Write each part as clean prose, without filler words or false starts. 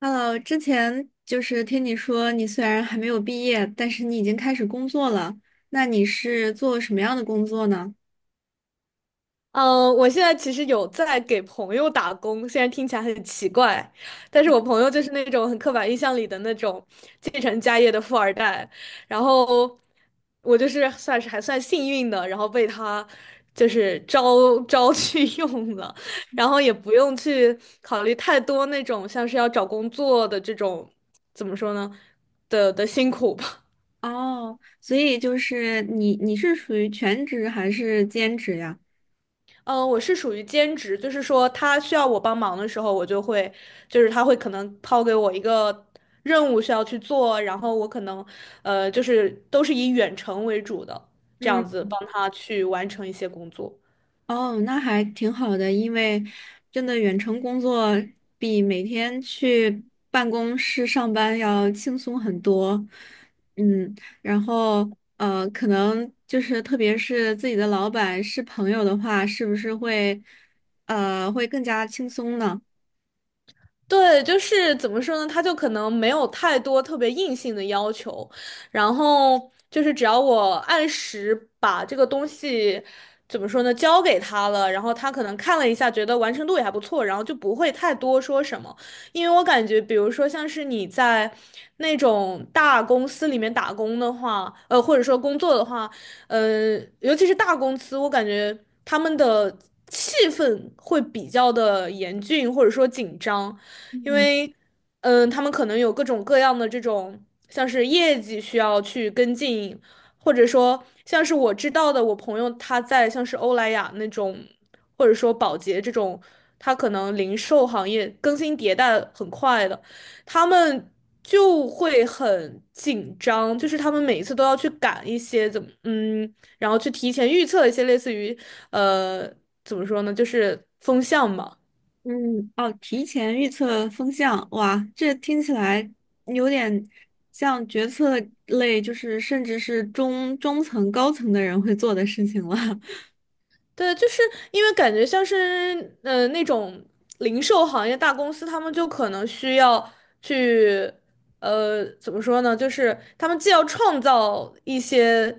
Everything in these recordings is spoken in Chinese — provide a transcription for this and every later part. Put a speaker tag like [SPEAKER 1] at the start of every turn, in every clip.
[SPEAKER 1] Hello，之前听你说你虽然还没有毕业，但是你已经开始工作了。那你是做什么样的工作呢？
[SPEAKER 2] 嗯，我现在其实有在给朋友打工，虽然听起来很奇怪，但是我朋友就是那种很刻板印象里的那种继承家业的富二代，然后我就是算是还算幸运的，然后被他就是招去 用了，然后也不用去考虑太多那种像是要找工作的这种，怎么说呢的的辛苦吧。
[SPEAKER 1] 哦，所以你是属于全职还是兼职呀？
[SPEAKER 2] 嗯，我是属于兼职，就是说他需要我帮忙的时候，我就会，就是他会可能抛给我一个任务需要去做，然后我可能，就是都是以远程为主的，这
[SPEAKER 1] 嗯。
[SPEAKER 2] 样子帮他去完成一些工作。
[SPEAKER 1] 哦，那还挺好的，因为真的远程工作比每天去办公室上班要轻松很多。嗯，然后可能特别是自己的老板是朋友的话，是不是会会更加轻松呢？
[SPEAKER 2] 对，就是怎么说呢？他就可能没有太多特别硬性的要求，然后就是只要我按时把这个东西怎么说呢，交给他了，然后他可能看了一下，觉得完成度也还不错，然后就不会太多说什么。因为我感觉，比如说像是你在那种大公司里面打工的话，或者说工作的话，呃，尤其是大公司，我感觉他们的气氛会比较的严峻，或者说紧张。因
[SPEAKER 1] 嗯
[SPEAKER 2] 为他们可能有各种各样的这种像是业绩需要去跟进，或者说像是我知道的，我朋友他在像是欧莱雅那种，或者说宝洁这种，他可能零售行业更新迭代很快的，他们。就会很紧张，就是他们每一次都要去赶一些怎么，嗯，然后去提前预测一些类似于，呃，怎么说呢，就是风向嘛。
[SPEAKER 1] 嗯，哦，提前预测风向，哇，这听起来有点像决策类，就是甚至是中层、高层的人会做的事情了。
[SPEAKER 2] 对，就是因为感觉像是那种零售行业大公司，他们就可能需要去怎么说呢？就是他们既要创造一些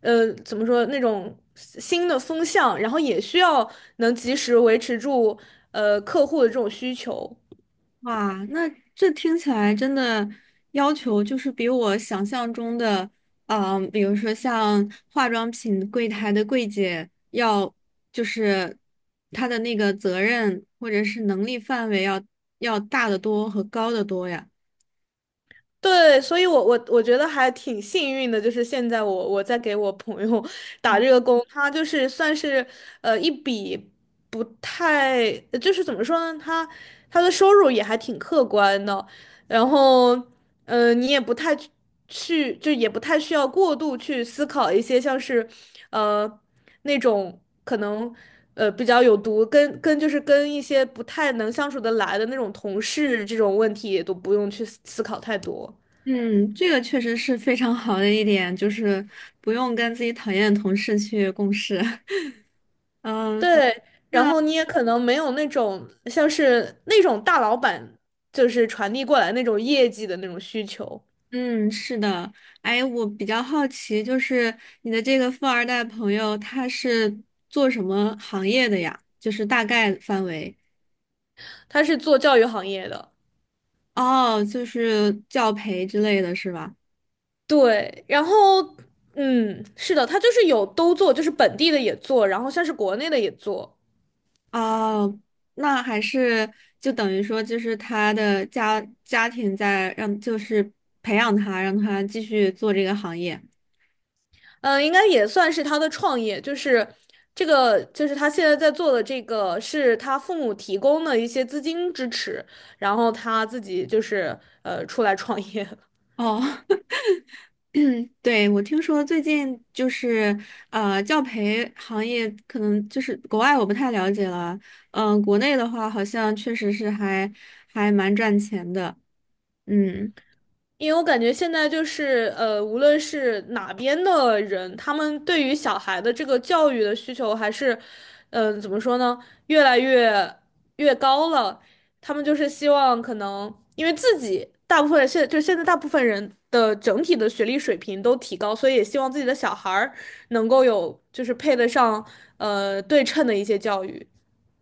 [SPEAKER 2] 怎么说那种新的风向，然后也需要能及时维持住客户的这种需求。
[SPEAKER 1] 哇，那这听起来真的要求比我想象中的，啊，比如说像化妆品柜台的柜姐要，就是她的那个责任或者是能力范围要大得多和高得多呀。
[SPEAKER 2] 对，所以我觉得还挺幸运的，就是现在我在给我朋友 打这个工，他就是算是一笔不太，就是怎么说呢，他他的收入也还挺客观的，然后嗯，你也不太去去就也不太需要过度去思考一些像是呃那种可能比较有毒，跟就是跟一些不太能相处得来的那种同事这种问题也都不用去思考太多。
[SPEAKER 1] 嗯，这个确实是非常好的一点，就是不用跟自己讨厌的同事去共事。嗯，
[SPEAKER 2] 对，然
[SPEAKER 1] 那。
[SPEAKER 2] 后你也可能没有那种像是那种大老板就是传递过来那种业绩的那种需求，
[SPEAKER 1] 嗯，是的，哎，我比较好奇，就是你的这个富二代朋友，他是做什么行业的呀？就是大概范围。
[SPEAKER 2] 他是做教育行业的，
[SPEAKER 1] 哦，就是教培之类的是吧？
[SPEAKER 2] 对，然后嗯，是的，他就是有都做，就是本地的也做，然后像是国内的也做，
[SPEAKER 1] 哦，那还是就等于说，就是他的家庭在让，就是培养他，让他继续做这个行业。
[SPEAKER 2] 嗯、应该也算是他的创业，就是这个就是他现在在做的这个是他父母提供的一些资金支持，然后他自己就是出来创业。
[SPEAKER 1] 哦，对，我听说最近教培行业可能就是国外我不太了解了，嗯、国内的话好像确实是还蛮赚钱的，嗯。
[SPEAKER 2] 因为我感觉现在就是无论是哪边的人，他们对于小孩的这个教育的需求还是，怎么说呢，越来越高了。他们就是希望可能，因为自己大部分现在大部分人的整体的学历水平都提高，所以也希望自己的小孩儿能够有就是配得上对称的一些教育。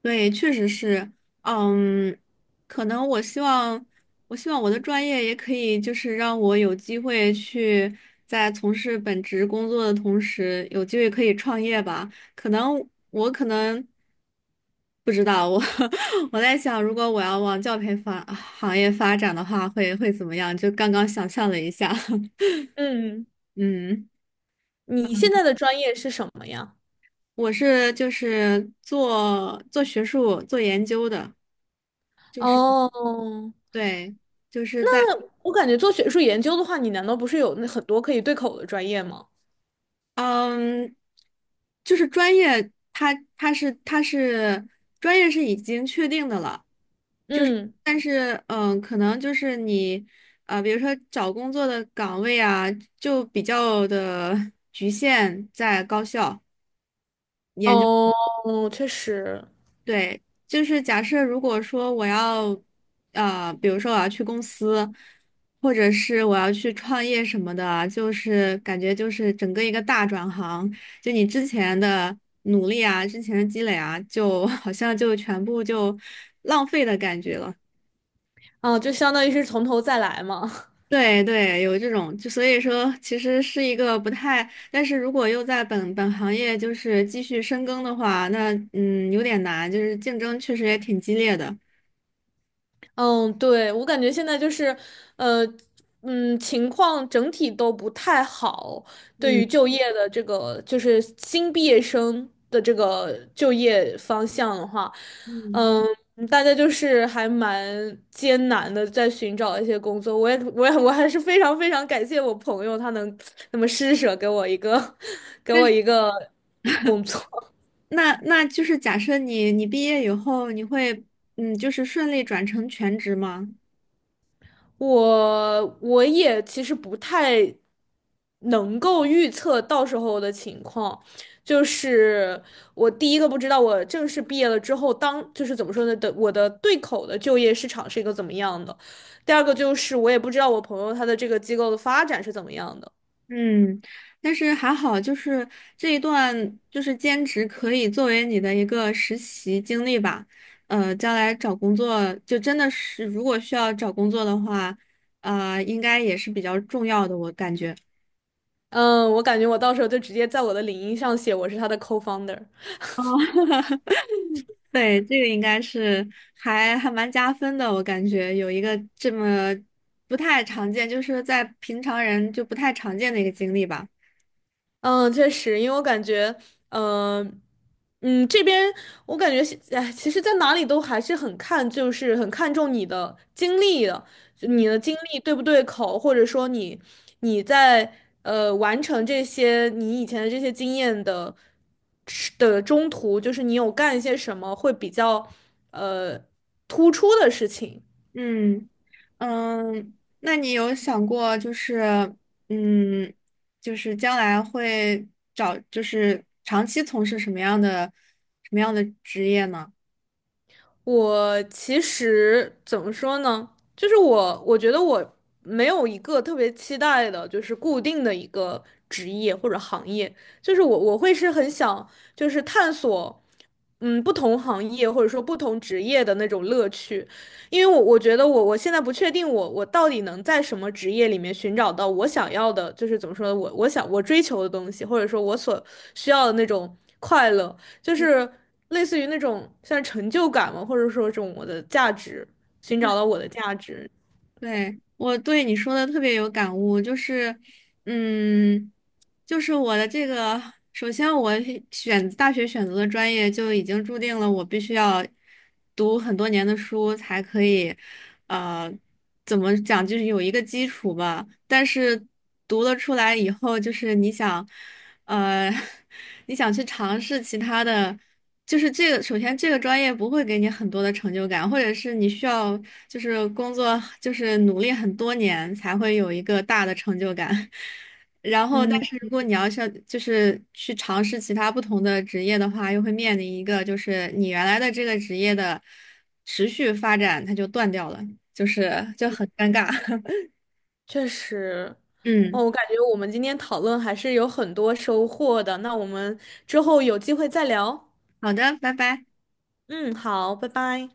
[SPEAKER 1] 对，确实是，嗯，可能我希望，我希望我的专业也可以，就是让我有机会去在从事本职工作的同时，有机会可以创业吧。可能我可能不知道，我 我在想，如果我要往教培行业发展的话，会怎么样？就刚刚想象了一下，
[SPEAKER 2] 嗯，
[SPEAKER 1] 嗯，
[SPEAKER 2] 你现在的专业是什么呀？
[SPEAKER 1] 我是做学术、做研究的，就是
[SPEAKER 2] 哦，
[SPEAKER 1] 对。就是在。
[SPEAKER 2] 我感觉做学术研究的话，你难道不是有那很多可以对口的专业吗？
[SPEAKER 1] 嗯，就是专业，它是专业是已经确定的了，就是
[SPEAKER 2] 嗯，
[SPEAKER 1] 但是嗯，可能就是你比如说找工作的岗位啊，就比较的局限在高校。
[SPEAKER 2] 哦，确实，
[SPEAKER 1] 对，就是假设如果说我要，呃，比如说我要去公司，或者是我要去创业什么的啊，就是感觉就是整个一个大转行，就你之前的努力啊，之前的积累啊，就 好像就全部就浪费的感觉了。
[SPEAKER 2] 啊，就相当于是从头再来嘛。
[SPEAKER 1] 对对，有这种，就所以说其实是一个不太，但是如果又在本行业继续深耕的话，那嗯有点难，就是竞争确实也挺激烈的。
[SPEAKER 2] 嗯，对，我感觉现在就是，呃，情况整体都不太好，对于
[SPEAKER 1] 嗯
[SPEAKER 2] 就业的这个，就是新毕业生的这个就业方向的话。
[SPEAKER 1] 嗯。
[SPEAKER 2] 嗯，大家就是还蛮艰难的在寻找一些工作。我还是非常非常感谢我朋友，他能那么施舍给我一个，给
[SPEAKER 1] 但
[SPEAKER 2] 我
[SPEAKER 1] 是
[SPEAKER 2] 一个工作。
[SPEAKER 1] 那就是假设你毕业以后，你会嗯，就是顺利转成全职吗？
[SPEAKER 2] 我也其实不太能够预测到时候的情况，就是我第一个不知道我正式毕业了之后，当就是怎么说呢的，我的对口的就业市场是一个怎么样的，第二个就是我也不知道我朋友他的这个机构的发展是怎么样的。
[SPEAKER 1] 嗯，但是还好，就是这一段就是兼职可以作为你的一个实习经历吧。呃，将来找工作就真的是，如果需要找工作的话，呃，应该也是比较重要的，我感觉。
[SPEAKER 2] 嗯，我感觉我到时候就直接在我的领英上写我是他的 co-founder。
[SPEAKER 1] 哦 对，这个应该是还蛮加分的，我感觉有一个这么不太常见，就是在平常人就不太常见的一个经历吧。
[SPEAKER 2] 嗯，确实，因为我感觉，嗯、这边我感觉现，哎，其实，在哪里都还是很看，就是很看重你的经历的，就
[SPEAKER 1] 嗯，
[SPEAKER 2] 你的经历对不对口，或者说你你在完成这些你以前的这些经验的是的中途，就是你有干一些什么会比较呃突出的事情。
[SPEAKER 1] 嗯嗯，那你有想过就是嗯，就是将来会找就是长期从事什么样的职业呢？
[SPEAKER 2] 我其实怎么说呢？就是我，我觉得我没有一个特别期待的，就是固定的一个职业或者行业。就是我，我会是很想，就是探索，嗯，不同行业或者说不同职业的那种乐趣。因为我觉得我现在不确定我到底能在什么职业里面寻找到我想要的，就是怎么说呢，我想我追求的东西，或者说我所需要的那种快乐。就是类似于那种像成就感嘛，或者说这种我的价值，寻找到我的价值。
[SPEAKER 1] 对，我对你说的特别有感悟，就是，嗯，就是我的这个，首先我选大学选择的专业就已经注定了我必须要读很多年的书才可以，呃，怎么讲，就是有一个基础吧。但是读了出来以后，就是你想，呃，你想去尝试其他的。就是这个，首先这个专业不会给你很多的成就感，或者是你需要就是工作就是努力很多年才会有一个大的成就感。然后，
[SPEAKER 2] 嗯，
[SPEAKER 1] 但是如果你要是就是去尝试其他不同的职业的话，又会面临一个就是你原来的这个职业的持续发展它就断掉了，就是就很尴尬。
[SPEAKER 2] 确实。
[SPEAKER 1] 嗯，
[SPEAKER 2] 哦，我感觉我们今天讨论还是有很多收获的。那我们之后有机会再聊。
[SPEAKER 1] 好的，拜拜。
[SPEAKER 2] 嗯，好，拜拜。